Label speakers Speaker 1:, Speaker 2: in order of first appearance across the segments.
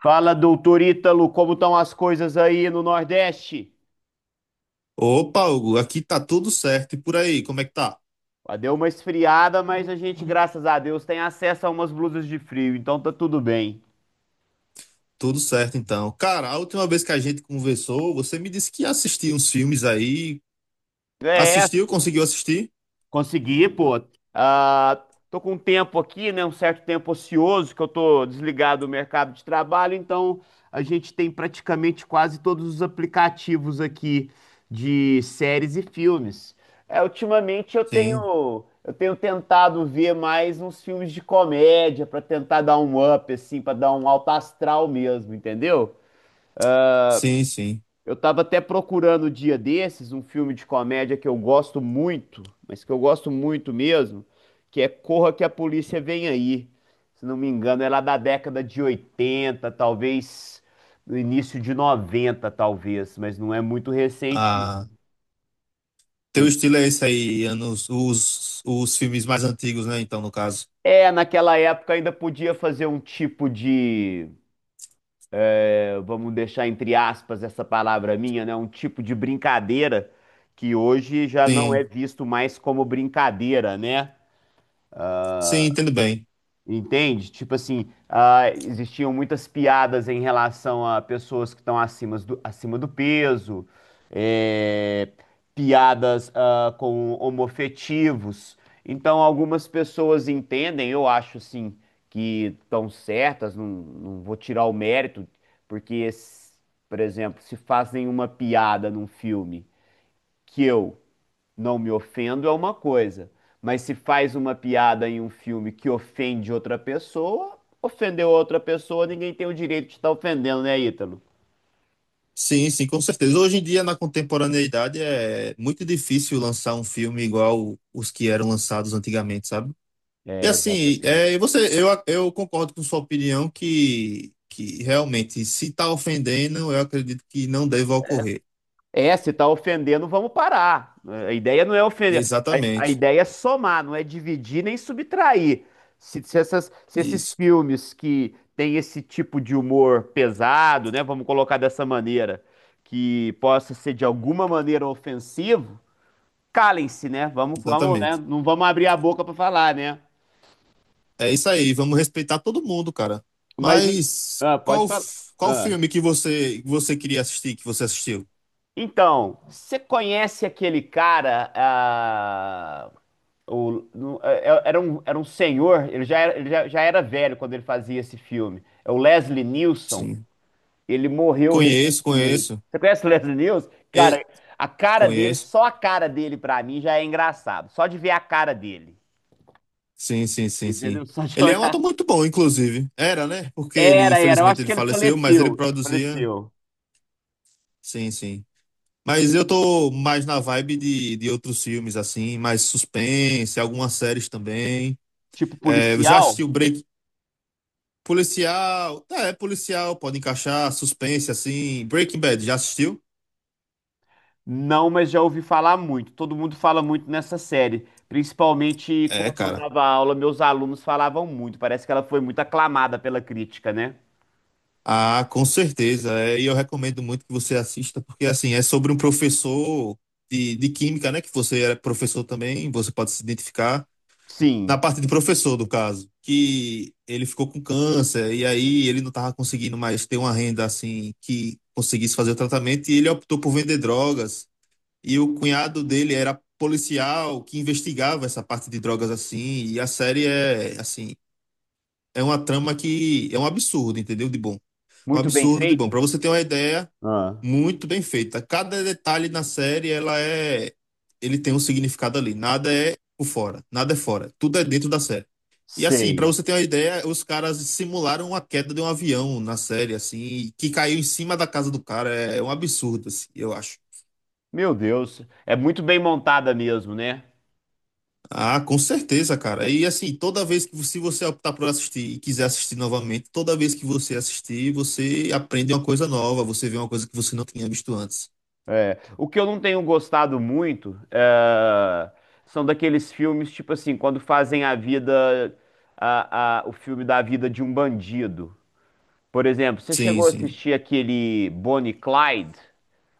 Speaker 1: Fala, doutor Ítalo, como estão as coisas aí no Nordeste?
Speaker 2: Opa, Hugo, aqui tá tudo certo. E por aí, como é que tá?
Speaker 1: Deu uma esfriada, mas a gente, graças a Deus, tem acesso a umas blusas de frio, então tá tudo bem.
Speaker 2: Tudo certo, então. Cara, a última vez que a gente conversou, você me disse que ia assistir uns filmes aí.
Speaker 1: É.
Speaker 2: Assistiu? Conseguiu assistir?
Speaker 1: Consegui, pô. Ah, Tô com um tempo aqui, né? Um certo tempo ocioso que eu tô desligado do mercado de trabalho, então a gente tem praticamente quase todos os aplicativos aqui de séries e filmes. É, ultimamente eu
Speaker 2: Sim,
Speaker 1: tenho eu tenho tentado ver mais uns filmes de comédia pra tentar dar um up, assim, pra dar um alto astral mesmo, entendeu?
Speaker 2: sim, sim.
Speaker 1: Eu tava até procurando o dia desses um filme de comédia que eu gosto muito, mas que eu gosto muito mesmo, que é Corra que a Polícia Vem Aí. Se não me engano, é lá da década de 80, talvez no início de 90, talvez, mas não é muito recente, não.
Speaker 2: Ah, teu estilo é esse aí, anos, os filmes mais antigos, né? Então, no caso.
Speaker 1: É, naquela época ainda podia fazer um tipo de, vamos deixar entre aspas essa palavra minha, né? Um tipo de brincadeira que hoje já não é
Speaker 2: Sim,
Speaker 1: visto mais como brincadeira, né?
Speaker 2: sim, entendo bem.
Speaker 1: Entende? Tipo assim, existiam muitas piadas em relação a pessoas que estão acima do peso, é, piadas com homoafetivos. Então, algumas pessoas entendem, eu acho assim, que estão certas, não vou tirar o mérito, porque, por exemplo, se fazem uma piada num filme que eu não me ofendo é uma coisa, mas se faz uma piada em um filme que ofende outra pessoa, ofendeu outra pessoa, ninguém tem o direito de estar ofendendo, né, Ítalo?
Speaker 2: Sim, sim, com certeza. Hoje em dia, na contemporaneidade, é muito difícil lançar um filme igual os que eram lançados antigamente, sabe? E
Speaker 1: É,
Speaker 2: assim,
Speaker 1: exatamente.
Speaker 2: é, e você, eu concordo com sua opinião que realmente, se está ofendendo, eu acredito que não deva ocorrer.
Speaker 1: É, se tá ofendendo, vamos parar. A ideia não é ofender. A
Speaker 2: Exatamente.
Speaker 1: ideia é somar, não é dividir nem subtrair. Se esses
Speaker 2: Isso,
Speaker 1: filmes que têm esse tipo de humor pesado, né, vamos colocar dessa maneira, que possa ser de alguma maneira ofensivo, calem-se, né? Vamos, vamos, né?
Speaker 2: exatamente.
Speaker 1: Não vamos abrir a boca para falar, né?
Speaker 2: É isso aí, vamos respeitar todo mundo, cara.
Speaker 1: Mas em-
Speaker 2: Mas
Speaker 1: pode
Speaker 2: qual,
Speaker 1: falar.
Speaker 2: qual
Speaker 1: Ah.
Speaker 2: filme que você queria assistir, que você assistiu?
Speaker 1: Então, você conhece aquele cara? Era um senhor. Ele já era, já era velho quando ele fazia esse filme. É o Leslie Nielsen.
Speaker 2: Sim.
Speaker 1: Ele morreu
Speaker 2: Conheço,
Speaker 1: recentemente.
Speaker 2: conheço.
Speaker 1: Você conhece o Leslie Nielsen? Cara,
Speaker 2: E-
Speaker 1: a cara dele,
Speaker 2: Conheço.
Speaker 1: só a cara dele pra mim já é engraçado. Só de ver a cara dele,
Speaker 2: Sim, sim, sim, sim.
Speaker 1: entendeu? Só de
Speaker 2: Ele é um
Speaker 1: olhar.
Speaker 2: ator muito bom, inclusive. Era, né? Porque ele,
Speaker 1: Era, era. Eu
Speaker 2: infelizmente,
Speaker 1: acho
Speaker 2: ele
Speaker 1: que ele
Speaker 2: faleceu, mas ele
Speaker 1: faleceu.
Speaker 2: produzia.
Speaker 1: Faleceu.
Speaker 2: Sim, sim. Mas eu tô mais na vibe de outros filmes, assim, mais suspense, algumas séries também.
Speaker 1: Tipo
Speaker 2: É, eu já assisti
Speaker 1: policial?
Speaker 2: o Break Policial. É, policial, pode encaixar, suspense, assim. Breaking Bad, já assistiu?
Speaker 1: Não, mas já ouvi falar muito. Todo mundo fala muito nessa série. Principalmente
Speaker 2: É,
Speaker 1: quando eu
Speaker 2: cara.
Speaker 1: dava aula, meus alunos falavam muito. Parece que ela foi muito aclamada pela crítica, né?
Speaker 2: Ah, com certeza. É, e eu recomendo muito que você assista, porque, assim, é sobre um professor de química, né? Que você era professor também, você pode se identificar. Na
Speaker 1: Sim.
Speaker 2: parte de professor, do caso, que ele ficou com câncer e aí ele não estava conseguindo mais ter uma renda assim que conseguisse fazer o tratamento e ele optou por vender drogas. E o cunhado dele era policial que investigava essa parte de drogas assim, e a série é assim, é uma trama que é um absurdo, entendeu? De bom. Um
Speaker 1: Muito bem
Speaker 2: absurdo de bom.
Speaker 1: feita?
Speaker 2: Para você ter uma ideia,
Speaker 1: Ah,
Speaker 2: muito bem feita. Cada detalhe na série, ela é ele tem um significado ali. Nada é por fora, nada é fora. Tudo é dentro da série. E assim, pra
Speaker 1: sei.
Speaker 2: você ter uma ideia, os caras simularam a queda de um avião na série, assim, que caiu em cima da casa do cara. É um absurdo, assim, eu acho.
Speaker 1: Meu Deus. É muito bem montada mesmo, né?
Speaker 2: Ah, com certeza, cara. E assim, toda vez que se você optar por assistir e quiser assistir novamente, toda vez que você assistir, você aprende uma coisa nova, você vê uma coisa que você não tinha visto antes.
Speaker 1: É, o que eu não tenho gostado muito é, são daqueles filmes, tipo assim, quando fazem a vida, o filme da vida de um bandido. Por exemplo, você
Speaker 2: Sim,
Speaker 1: chegou a
Speaker 2: sim.
Speaker 1: assistir aquele Bonnie e Clyde,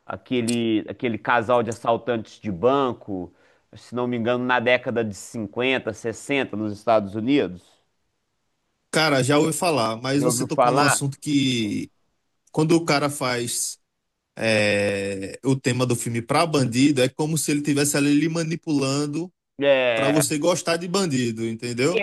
Speaker 1: aquele casal de assaltantes de banco, se não me engano, na década de 50, 60, nos Estados Unidos?
Speaker 2: Cara, já ouvi falar, mas
Speaker 1: Já
Speaker 2: você
Speaker 1: ouviu
Speaker 2: tocou num
Speaker 1: falar?
Speaker 2: assunto que quando o cara faz é, o tema do filme pra bandido, é como se ele tivesse ali lhe manipulando. Pra
Speaker 1: É,
Speaker 2: você gostar de bandido, entendeu?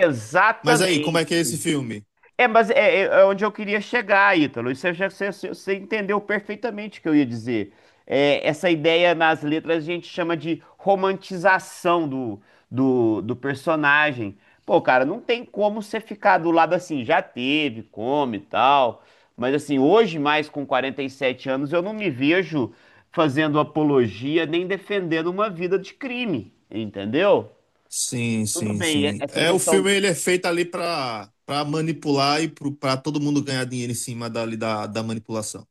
Speaker 2: Mas aí, como é que é esse filme?
Speaker 1: É, mas é, é onde eu queria chegar, Ítalo. Isso é já você, você entendeu perfeitamente o que eu ia dizer. É, essa ideia nas letras a gente chama de romantização do, do personagem. Pô, cara, não tem como você ficar do lado assim, já teve, come e tal. Mas assim, hoje, mais com 47 anos, eu não me vejo fazendo apologia nem defendendo uma vida de crime, entendeu?
Speaker 2: Sim,
Speaker 1: Tudo
Speaker 2: sim,
Speaker 1: bem,
Speaker 2: sim.
Speaker 1: essa
Speaker 2: É, o filme
Speaker 1: questão.
Speaker 2: ele é feito ali pra manipular e pra todo mundo ganhar dinheiro em cima dali da manipulação.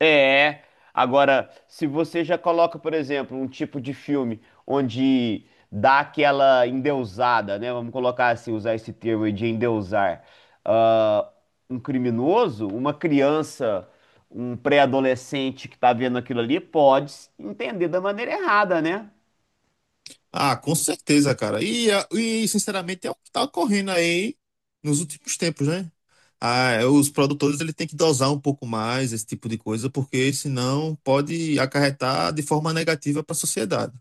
Speaker 1: É. Agora, se você já coloca, por exemplo, um tipo de filme onde dá aquela endeusada, né? Vamos colocar assim, usar esse termo aí de endeusar. ah, um criminoso, uma criança, um pré-adolescente que tá vendo aquilo ali, pode entender da maneira errada, né?
Speaker 2: Ah, com certeza, cara. E, e, sinceramente, é o que tá ocorrendo aí nos últimos tempos, né? Ah, é, os produtores ele tem que dosar um pouco mais esse tipo de coisa, porque senão pode acarretar de forma negativa para a sociedade.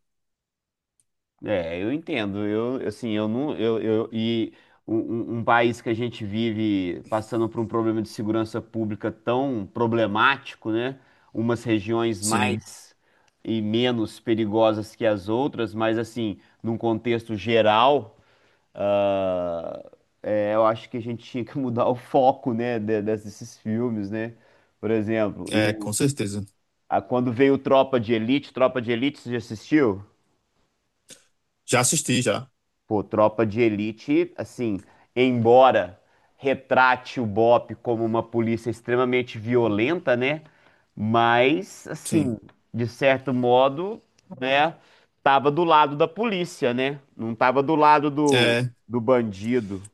Speaker 1: É, eu entendo. Eu, assim, eu não, eu e um país que a gente vive passando por um problema de segurança pública tão problemático, né? Umas regiões
Speaker 2: Sim,
Speaker 1: mais e menos perigosas que as outras, mas assim, num contexto geral, ah, é, eu acho que a gente tinha que mudar o foco, né, desses filmes, né? Por exemplo,
Speaker 2: é, com
Speaker 1: eu,
Speaker 2: certeza.
Speaker 1: quando veio Tropa de Elite, você já assistiu?
Speaker 2: Já assisti, já.
Speaker 1: Pô, Tropa de Elite, assim, embora retrate o BOPE como uma polícia extremamente violenta, né? Mas,
Speaker 2: Sim.
Speaker 1: assim, de certo modo, né? Tava do lado da polícia, né? Não tava do lado do,
Speaker 2: É.
Speaker 1: do bandido.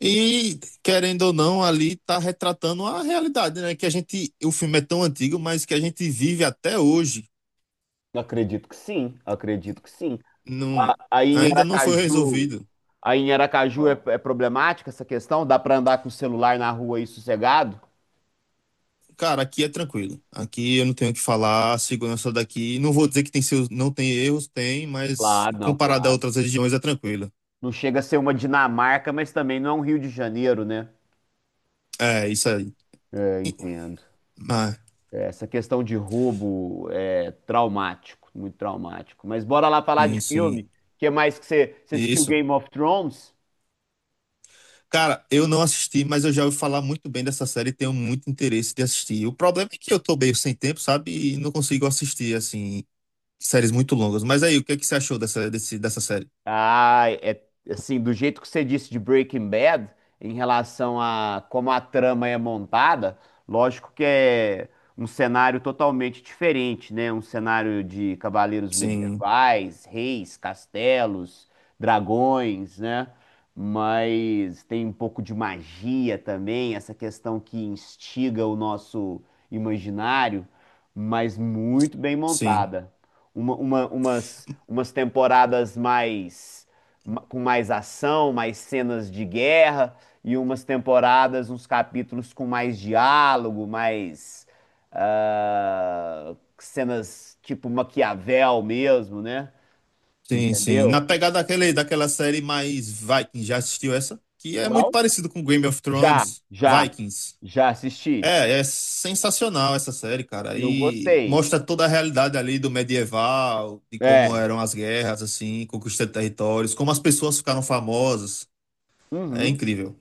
Speaker 2: E, querendo ou não, ali tá retratando a realidade, né? Que a gente, o filme é tão antigo, mas que a gente vive até hoje,
Speaker 1: Acredito que sim, acredito que sim.
Speaker 2: não,
Speaker 1: A- Aí em
Speaker 2: ainda não foi
Speaker 1: Aracaju,
Speaker 2: resolvido.
Speaker 1: aí em Aracaju é, é problemática essa questão? Dá pra andar com o celular na rua aí sossegado?
Speaker 2: Cara, aqui é tranquilo. Aqui eu não tenho o que falar, a segurança daqui, não vou dizer que tem seus, não tem erros, tem, mas comparado a
Speaker 1: Claro.
Speaker 2: outras regiões é tranquilo.
Speaker 1: Não chega a ser uma Dinamarca, mas também não é um Rio de Janeiro, né?
Speaker 2: É, isso aí.
Speaker 1: É, entendo.
Speaker 2: Ah,
Speaker 1: É, essa questão de roubo é traumático, muito traumático. Mas bora lá falar de
Speaker 2: sim,
Speaker 1: filme.
Speaker 2: sim.
Speaker 1: O que é mais que você, você assistiu
Speaker 2: Isso.
Speaker 1: Game of Thrones?
Speaker 2: Cara, eu não assisti, mas eu já ouvi falar muito bem dessa série e tenho muito interesse de assistir. O problema é que eu tô meio sem tempo, sabe? E não consigo assistir, assim, séries muito longas. Mas aí, o que é que você achou dessa série?
Speaker 1: Ah, é assim, do jeito que você disse de Breaking Bad, em relação a como a trama é montada, lógico que é um cenário totalmente diferente, né? Um cenário de cavaleiros
Speaker 2: Sim,
Speaker 1: medievais, reis, castelos, dragões, né? Mas tem um pouco de magia também, essa questão que instiga o nosso imaginário, mas muito bem
Speaker 2: sim,
Speaker 1: montada umas temporadas mais com mais ação, mais cenas de guerra e umas temporadas, uns capítulos com mais diálogo, mais cenas tipo Maquiavel mesmo, né?
Speaker 2: sim, sim. Na
Speaker 1: Entendeu?
Speaker 2: pegada daquela série mais Vikings, já assistiu essa? Que é muito
Speaker 1: Qual?
Speaker 2: parecido com Game of
Speaker 1: Já,
Speaker 2: Thrones,
Speaker 1: já,
Speaker 2: Vikings.
Speaker 1: já assisti.
Speaker 2: É, é sensacional essa série, cara.
Speaker 1: Eu
Speaker 2: E
Speaker 1: gostei.
Speaker 2: mostra toda a realidade ali do medieval, de como
Speaker 1: É.
Speaker 2: eram as guerras, assim, conquista de territórios, como as pessoas ficaram famosas. É
Speaker 1: Uhum.
Speaker 2: incrível.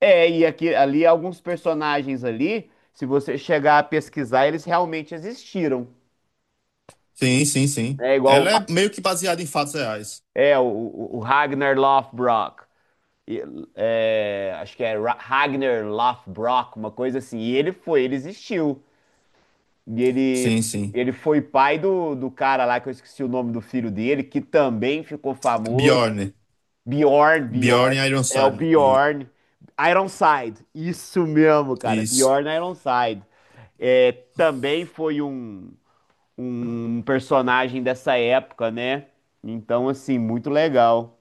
Speaker 1: É, e aqui, ali alguns personagens ali, se você chegar a pesquisar, eles realmente existiram.
Speaker 2: Sim, sim, sim.
Speaker 1: É igual
Speaker 2: Ela é meio que baseada em fatos reais.
Speaker 1: é o o Ragnar Lothbrok. E, é, acho que é Ragnar Lothbrok, uma coisa assim. E ele foi, ele existiu. E ele,
Speaker 2: Sim, sim.
Speaker 1: ele foi pai do, do cara lá, que eu esqueci o nome do filho dele, que também ficou famoso.
Speaker 2: Bjorn. Bjorn
Speaker 1: Bjorn. É o
Speaker 2: Ironside.
Speaker 1: Bjorn. Ironside. Isso mesmo, cara.
Speaker 2: Isso.
Speaker 1: Bjorn Ironside. É, também foi um, um personagem dessa época, né? Então, assim, muito legal.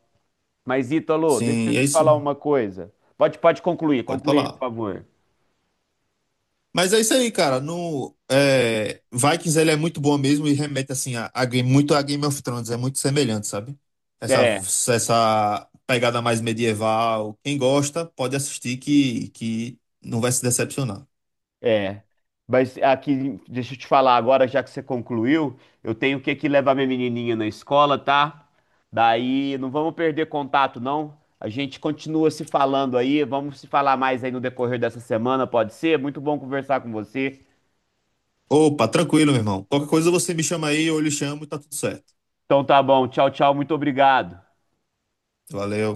Speaker 1: Mas, Ítalo, deixa eu
Speaker 2: Sim, é
Speaker 1: te falar
Speaker 2: isso.
Speaker 1: uma coisa. Pode,
Speaker 2: Pode
Speaker 1: concluir, por
Speaker 2: falar.
Speaker 1: favor.
Speaker 2: Mas é isso aí, cara. No, é, Vikings ele é muito bom mesmo e remete assim a, muito a Game of Thrones, é muito semelhante, sabe? Essa,
Speaker 1: É,
Speaker 2: essa pegada mais medieval. Quem gosta pode assistir que não vai se decepcionar.
Speaker 1: é. Mas aqui, deixa eu te falar agora, já que você concluiu, eu tenho que aqui levar minha menininha na escola, tá? Daí, não vamos perder contato, não. A gente continua se falando aí, vamos se falar mais aí no decorrer dessa semana, pode ser? Muito bom conversar com você.
Speaker 2: Opa, tranquilo, meu irmão. Qualquer coisa você me chama aí, eu lhe chamo e tá tudo certo.
Speaker 1: Então tá bom, tchau, tchau, muito obrigado.
Speaker 2: Valeu.